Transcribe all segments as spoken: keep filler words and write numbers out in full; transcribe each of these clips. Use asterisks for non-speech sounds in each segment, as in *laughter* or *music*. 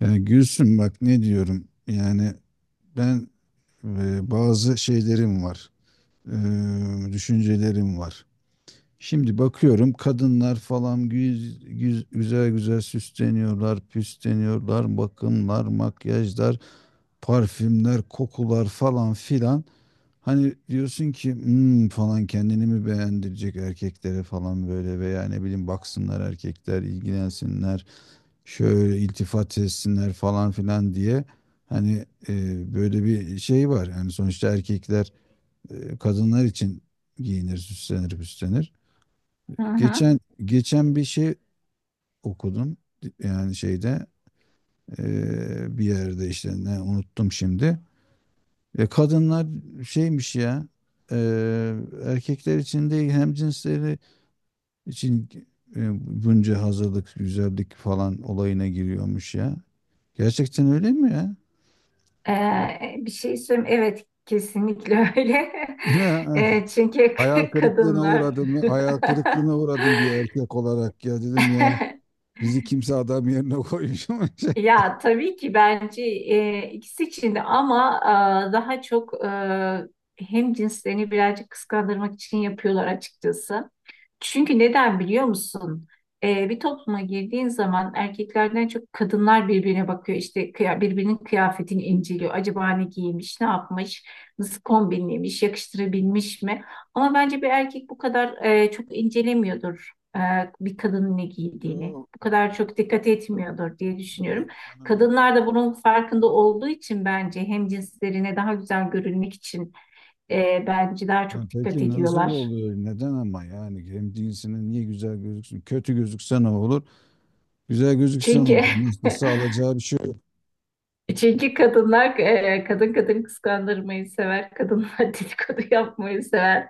Yani Gülsüm bak ne diyorum yani ben e, bazı şeylerim var, e, düşüncelerim var. Şimdi bakıyorum, kadınlar falan güz- güz- güzel güzel süsleniyorlar, püsleniyorlar, bakımlar, makyajlar, parfümler, kokular falan filan. Hani diyorsun ki "Hmm," falan, kendini mi beğendirecek erkeklere falan böyle, veya ne bileyim baksınlar erkekler, ilgilensinler, şöyle iltifat etsinler falan filan diye, hani e, böyle bir şey var. Yani sonuçta erkekler e, kadınlar için giyinir, süslenir, püslenir. Hı hı. Geçen geçen bir şey okudum, yani şeyde, e, bir yerde işte, ne unuttum şimdi. E, kadınlar şeymiş ya, e, erkekler için değil, hem cinsleri için e, bunca hazırlık, güzellik falan olayına giriyormuş ya. Gerçekten öyle mi ya? Ee, bir şey söyleyeyim. Evet, kesinlikle öyle. *laughs* Ne? *laughs* Ee, çünkü Hayal *laughs* kırıklığına kadınlar. uğradım. Hayal kırıklığına uğradım bir erkek olarak ya, dedim ya. *laughs* *laughs* Bizi kimse adam yerine koymuş mu? *laughs* Ya tabii ki bence, e, ikisi için de ama, e, daha çok, e, hem cinslerini birazcık kıskandırmak için yapıyorlar açıkçası. Çünkü neden biliyor musun? E, bir topluma girdiğin zaman erkeklerden çok kadınlar birbirine bakıyor. İşte kıya- birbirinin kıyafetini inceliyor. Acaba ne giymiş, ne yapmış, nasıl kombinlemiş, yakıştırabilmiş mi? Ama bence bir erkek bu kadar e, çok incelemiyordur, e, bir kadının ne giydiğini. Yok. Bu kadar çok dikkat etmiyordur diye düşünüyorum. Yok canım et. Kadınlar da bunun farkında olduğu için bence hem cinslerine daha güzel görünmek için, e, bence daha Ya çok dikkat peki nasıl ediyorlar. oluyor? Neden ama, yani hem cinsine niye güzel gözüksün? Kötü gözükse ne olur? Güzel gözükse ne Çünkü olur? Nasılsa alacağı bir şey yok. *laughs* çünkü kadınlar, e, kadın kadın kıskandırmayı sever, kadınlar *laughs* dedikodu yapmayı sever.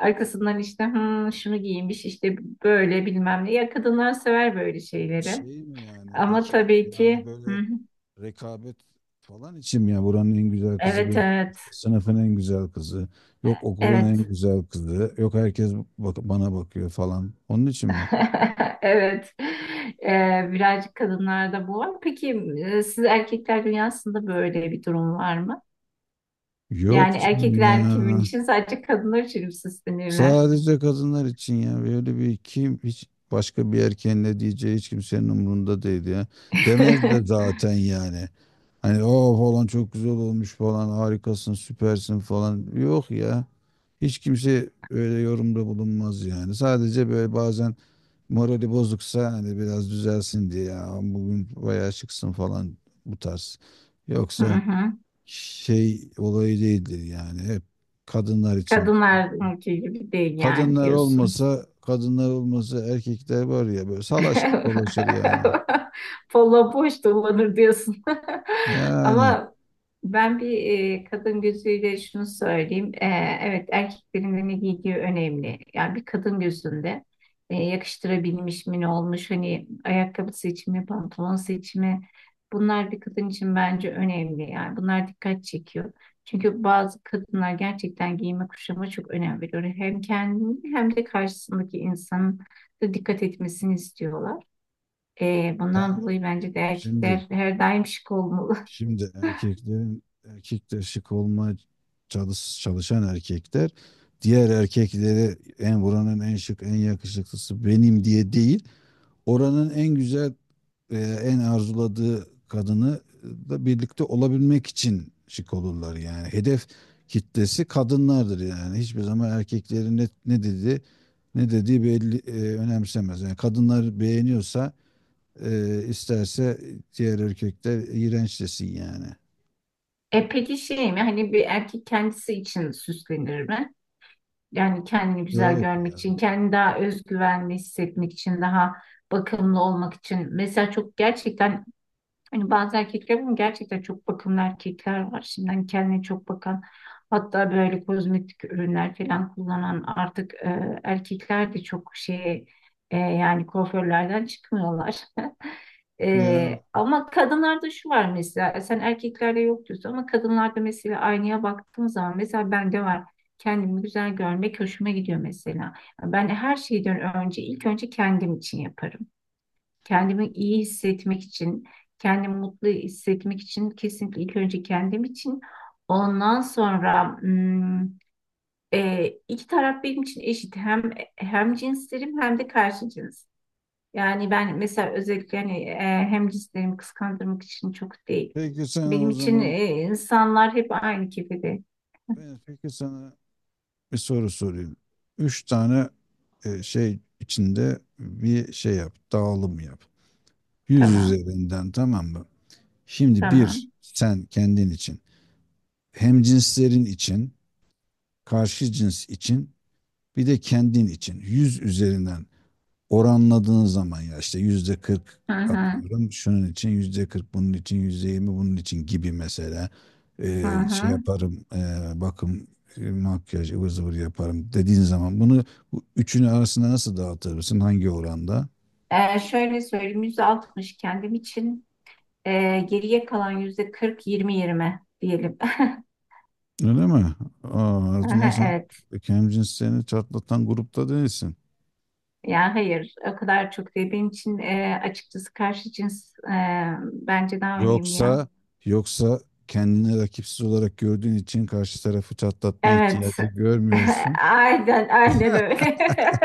Arkasından işte, "Hmm, şunu giymiş işte böyle bilmem ne." Ya kadınlar sever böyle şeyleri. Şey mi yani Ama peki? tabii Yani ki, hı böyle hı. rekabet falan için mi ya, buranın en güzel kızı Evet, benim, evet, işte sınıfın en güzel kızı, yok okulun evet. en güzel kızı, yok herkes bak bana bakıyor falan. Onun için mi? *laughs* Evet. Ee, birazcık kadınlarda bu var. Peki, e, siz erkekler dünyasında böyle bir durum var mı? Yok Yani canım ya. erkekler kimin için, sadece kadınlar için mi süslenirler? Sadece kadınlar için ya. Böyle bir kim, hiç başka bir erkeğin ne diyeceği hiç kimsenin umurunda değil ya. Demez de *laughs* zaten yani. Hani o falan çok güzel olmuş falan, harikasın, süpersin falan. Yok ya. Hiç kimse öyle yorumda bulunmaz yani. Sadece böyle bazen morali bozuksa hani biraz düzelsin diye, ya bugün bayağı çıksın falan, bu tarz. Hı Yoksa hı. şey olayı değildir yani, hep kadınlar için. Kadınlar erkeği gibi değil yani Kadınlar diyorsun. olmasa, kadınlar olmasa erkekler var ya, böyle salaş dolaşır yani. *laughs* Polla boş dolanır diyorsun. *laughs* Yani Ama ben bir, e, kadın gözüyle şunu söyleyeyim. E, evet, erkeklerin ne giydiği önemli. Yani bir kadın gözünde, e, yakıştırabilmiş mi, ne olmuş, hani ayakkabı seçimi, pantolon seçimi, bunlar bir kadın için bence önemli. Yani bunlar dikkat çekiyor. Çünkü bazı kadınlar gerçekten giyime kuşama çok önem veriyor. Hem kendini hem de karşısındaki insanın da dikkat etmesini istiyorlar. Ee, bundan yani dolayı bence de şimdi, erkekler her daim şık olmalı. şimdi *laughs* erkeklerin, erkekler şık olma, çalış, çalışan erkekler, diğer erkekleri, en buranın en şık en yakışıklısı benim diye değil, oranın en güzel e, en arzuladığı kadını e, da birlikte olabilmek için şık olurlar. Yani hedef kitlesi kadınlardır, yani hiçbir zaman erkeklerin ne, ne dedi, ne dediği belli, e, önemsemez yani. Kadınlar beğeniyorsa e, isterse diğer erkekler iğrenç desin yani. E peki, şey mi, hani bir erkek kendisi için süslenir mi? Yani kendini güzel Yok görmek için, kendini daha özgüvenli hissetmek için, daha bakımlı olmak için. Mesela çok gerçekten, hani bazı erkekler, ama gerçekten çok bakımlı erkekler var. Şimdi hani kendine çok bakan, hatta böyle kozmetik ürünler falan kullanan artık, e, erkekler de çok şey, e, yani kuaförlerden çıkmıyorlar. *laughs* ya. E, ama kadınlarda şu var mesela, sen erkeklerde yok diyorsun ama kadınlarda mesela aynaya baktığım zaman, mesela bende var. Kendimi güzel görmek hoşuma gidiyor mesela. Ben her şeyden önce ilk önce kendim için yaparım. Kendimi iyi hissetmek için, kendimi mutlu hissetmek için, kesinlikle ilk önce kendim için. Ondan sonra hmm, e, iki taraf benim için eşit. Hem hem cinslerim hem de karşı cins. Yani ben mesela özellikle hani, e, hem cinslerimi kıskandırmak için çok değil. Peki sana Benim o için, zaman, e, insanlar hep aynı kefede. ben peki sana bir soru sorayım. Üç tane e, şey içinde bir şey yap, dağılım yap. Yüz Tamam, üzerinden, tamam mı? Şimdi bir tamam. sen kendin için, hem cinslerin için, karşı cins için, bir de kendin için. Yüz üzerinden oranladığın zaman, ya işte yüzde kırk Hı hı, atıyorum şunun için, yüzde kırk bunun için, yüzde yirmi bunun için gibi mesela. hı Ee, şey hı. yaparım, ee, bakım, e, makyaj ıvır zıvır yaparım dediğin zaman bunu, bu üçünü arasında nasıl dağıtırsın, hangi oranda? E, şöyle söyleyeyim, yüz altmış kendim için. Ee, geriye kalan yüzde kırk, yirmi yirmi diyelim. *laughs* Öyle mi? Aa, o zaman sen Evet. kendini çatlatan grupta değilsin. Yani hayır, o kadar çok değil. Benim için, e, açıkçası karşı cins, e, bence daha önemli ya. Yoksa yoksa kendini rakipsiz olarak gördüğün için karşı tarafı çatlatma Evet. ihtiyacı *laughs* görmüyorsun. Aynen, aynen *laughs* öyle.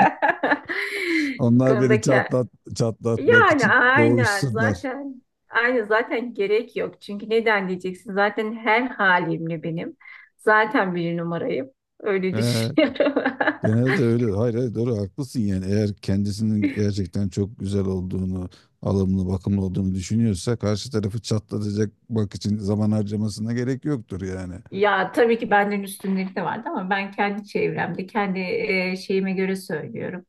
*laughs* Bu Onlar beni konudaki, çatlat çatlatmak yani için aynen boğuşsunlar. zaten, aynı zaten gerek yok. Çünkü neden diyeceksin? Zaten her halimle benim. Zaten bir numarayım. Öyle Ee, düşünüyorum. *laughs* genelde öyle. Hayır, hayır, doğru, haklısın yani. Eğer kendisinin gerçekten çok güzel olduğunu, alımlı, bakımlı olduğunu düşünüyorsa, karşı tarafı çatlatacak bak için zaman harcamasına gerek yoktur yani. Ya tabii ki benden üstünlük de vardı ama ben kendi çevremde, kendi, e, şeyime göre söylüyorum.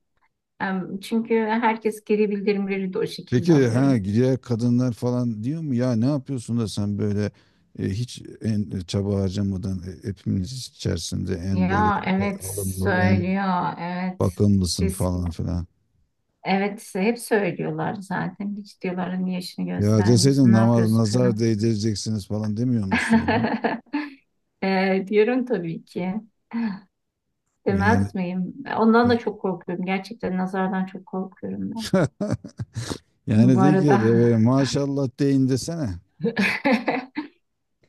Em, Çünkü herkes, geri bildirimleri de o şekilde Peki ha, alıyorum. diğer kadınlar falan diyor mu ya, ne yapıyorsun da sen böyle e, hiç en e, çaba harcamadan e, hepimiz içerisinde en böyle Ya dikkat- evet alımlı, en söylüyor, evet. bakımlısın Kesin. falan filan. Evet, hep söylüyorlar zaten. Hiç diyorlar, niye işini Ya deseydin, göstermiyorsun, ne namaz yapıyorsun nazar falan. değdireceksiniz falan demiyor musun ya? *laughs* E, diyorum tabii ki. Yani Demez miyim? Ondan da ya- çok korkuyorum. Gerçekten nazardan çok korkuyorum ben. *laughs* yani Bu de ki arada. "Evet, maşallah deyin" desene. *laughs*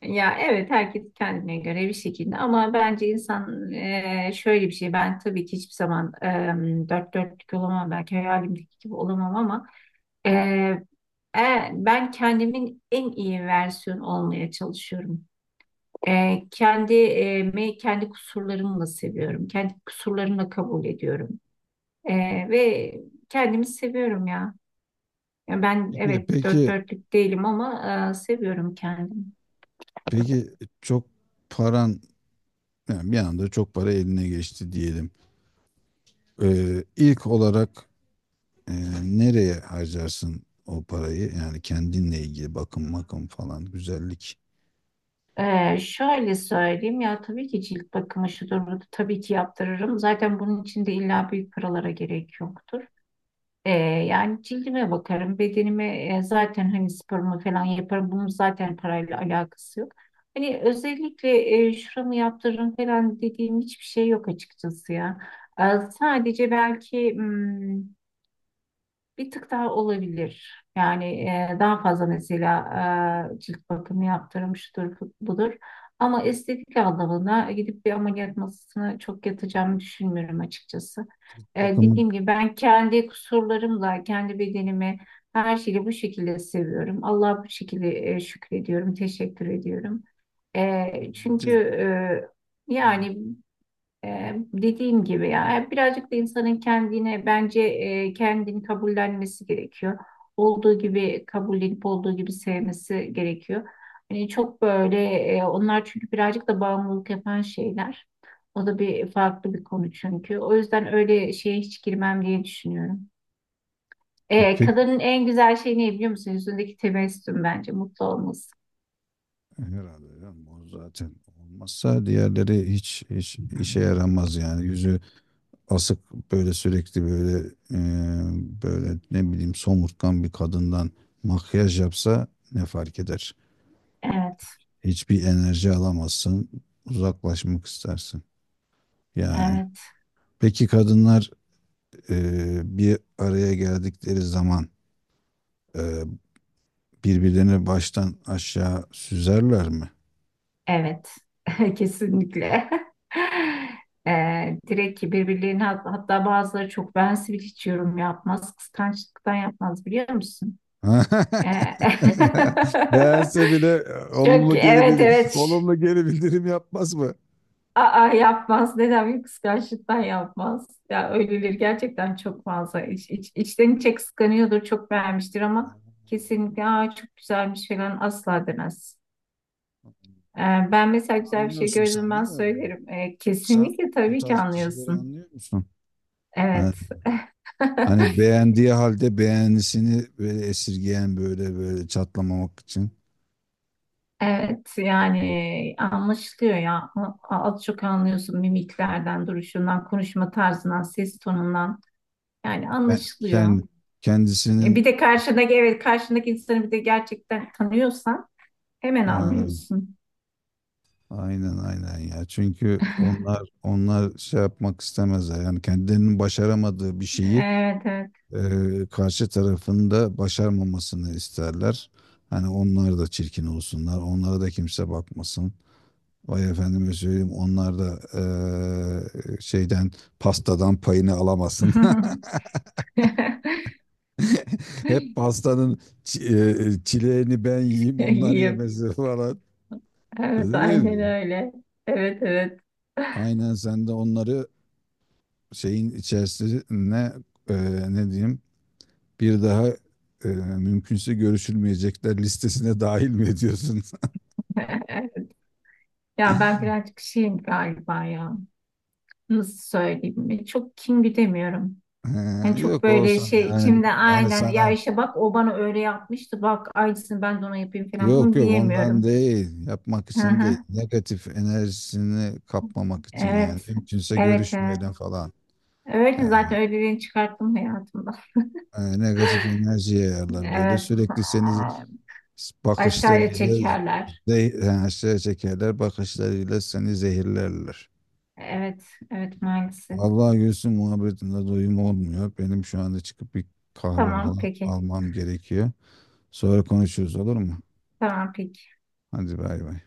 Ya evet, herkes kendine göre bir şekilde, ama bence insan, e, şöyle bir şey, ben tabii ki hiçbir zaman, e, dört dörtlük olamam, belki hayalimdeki gibi olamam ama, e, e, ben kendimin en iyi versiyonu olmaya çalışıyorum. E, kendi, e, kendi kusurlarımla seviyorum. Kendi kusurlarımla kabul ediyorum. E, Ve kendimi seviyorum ya. Ya ben, Peki evet dört peki dörtlük değilim ama, e, seviyorum kendimi. peki çok paran, yani bir anda çok para eline geçti diyelim. Ee, ilk olarak e, nereye harcarsın o parayı? Yani kendinle ilgili, bakım makım falan, güzellik Ee, şöyle söyleyeyim, ya tabii ki cilt bakımı şudur budur, tabii ki yaptırırım. Zaten bunun için de illa büyük paralara gerek yoktur. Ee, yani cildime bakarım, bedenime, e, zaten hani sporumu falan yaparım. Bunun zaten parayla alakası yok. Hani özellikle, e, şuramı yaptırırım falan dediğim hiçbir şey yok açıkçası ya. Ee, Sadece belki, hmm, bir tık daha olabilir. Yani, e, daha fazla mesela, e, cilt bakımı yaptırmıştır budur. Ama estetik anlamına gidip bir ameliyat masasına çok yatacağımı düşünmüyorum açıkçası. E, bakımı. Dediğim gibi, ben kendi kusurlarımla, kendi bedenimi, her şeyi bu şekilde seviyorum. Allah'a bu şekilde, e, şükrediyorum, teşekkür ediyorum. E, çünkü, Evet. e, yani, ee, dediğim gibi ya, e, birazcık da insanın kendine bence, e, kendini kabullenmesi gerekiyor. Olduğu gibi kabullenip olduğu gibi sevmesi gerekiyor. Hani çok böyle, e, onlar çünkü birazcık da bağımlılık yapan şeyler. O da bir farklı bir konu çünkü. O yüzden öyle şeye hiç girmem diye düşünüyorum. E, Ee, kadının en güzel şeyi ne biliyor musun? Yüzündeki tebessüm, bence mutlu olması. herhalde canım, o zaten olmazsa diğerleri hiç, hiç işe yaramaz yani. Yüzü asık, böyle sürekli böyle e, böyle ne bileyim somurtkan bir kadından, makyaj yapsa ne fark eder? Evet, Hiçbir enerji alamazsın, uzaklaşmak istersin yani. evet. Peki kadınlar e, bir araya geldikleri zaman e, birbirlerini baştan aşağı süzerler mi? Evet, *laughs* kesinlikle. *laughs* Ee, direkt ki birbirlerine, hat- hatta bazıları çok, ben sivil hiç yorum yapmaz, kıskançlıktan yapmaz, biliyor musun? Ee, *laughs* Beğense bile e, *laughs* çok, olumlu geri evet, bildirim, evet. Şş, olumlu geri bildirim yapmaz mı? aa, yapmaz, neden? Bir kıskançlıktan yapmaz ya, öyleleri gerçekten çok fazla iç, iç, içten içe kıskanıyordur, çok beğenmiştir ama kesinlikle, aa, çok güzelmiş falan asla demez. Ee, Ben mesela güzel bir şey Anlıyorsun sen, gördüm, ben değil mi? Böyle. söylerim. Ee, Sen Kesinlikle, o tabii ki tarz kişileri anlıyorsun. anlıyor musun? Ha. Evet. Hani *laughs* beğendiği halde beğenisini böyle esirgeyen, böyle böyle çatlamamak için. Evet, yani anlaşılıyor ya. A- Az çok anlıyorsun mimiklerden, duruşundan, konuşma tarzından, ses tonundan. Yani Ben, anlaşılıyor. kend- E, Bir kendisinin, de karşındaki, evet, karşındaki insanı bir de gerçekten tanıyorsan hemen ha, anlıyorsun. aynen aynen ya. Çünkü onlar, onlar şey yapmak istemezler. Yani kendilerinin başaramadığı bir şeyi Evet, evet. e, karşı tarafında başarmamasını isterler. Hani onlar da çirkin olsunlar, onlara da kimse bakmasın. Vay efendime söyleyeyim, onlar da e, şeyden, pastadan payını alamasın. *laughs* Hep pastanın çi- e, çileğini ben *laughs* yiyeyim, onlar İyiyim. yemesin *laughs* falan. Evet, Öyle değil aynen mi? öyle. Evet, evet. Aynen, sen de onları şeyin içerisine, e, ne diyeyim, bir daha e, mümkünse görüşülmeyecekler listesine dahil mi ediyorsun? *laughs* *laughs* Ya ben birazcık şeyim galiba ya. Nasıl söyleyeyim? E, Çok kin güdemiyorum. Yani Ee, çok yok böyle olsun şey yani, içimde, yani aynen ya, sana işte bak, o bana öyle yapmıştı. Bak aynısını ben de ona yapayım falan. yok Bunu yok, ondan diyemiyorum. değil, yapmak Hı için değil, hı. negatif enerjisini kapmamak için yani, Evet. mümkünse Evet, evet. görüşmeyelim falan. Öyle Yani zaten, öyleliğini çıkarttım hayatımda. e, negatif enerji *laughs* yayarlar böyle Evet. sürekli, seni Aşağıya bakışlarıyla çekerler. zeh- yani şey çekerler, bakışlarıyla seni zehirlerler. Evet. Evet, maalesef. Vallahi Gülsüm, muhabbetinde doyum olmuyor, benim şu anda çıkıp bir kahve Tamam, falan peki. almam gerekiyor, sonra konuşuruz, olur mu? Tamam, peki. Hadi bay bay.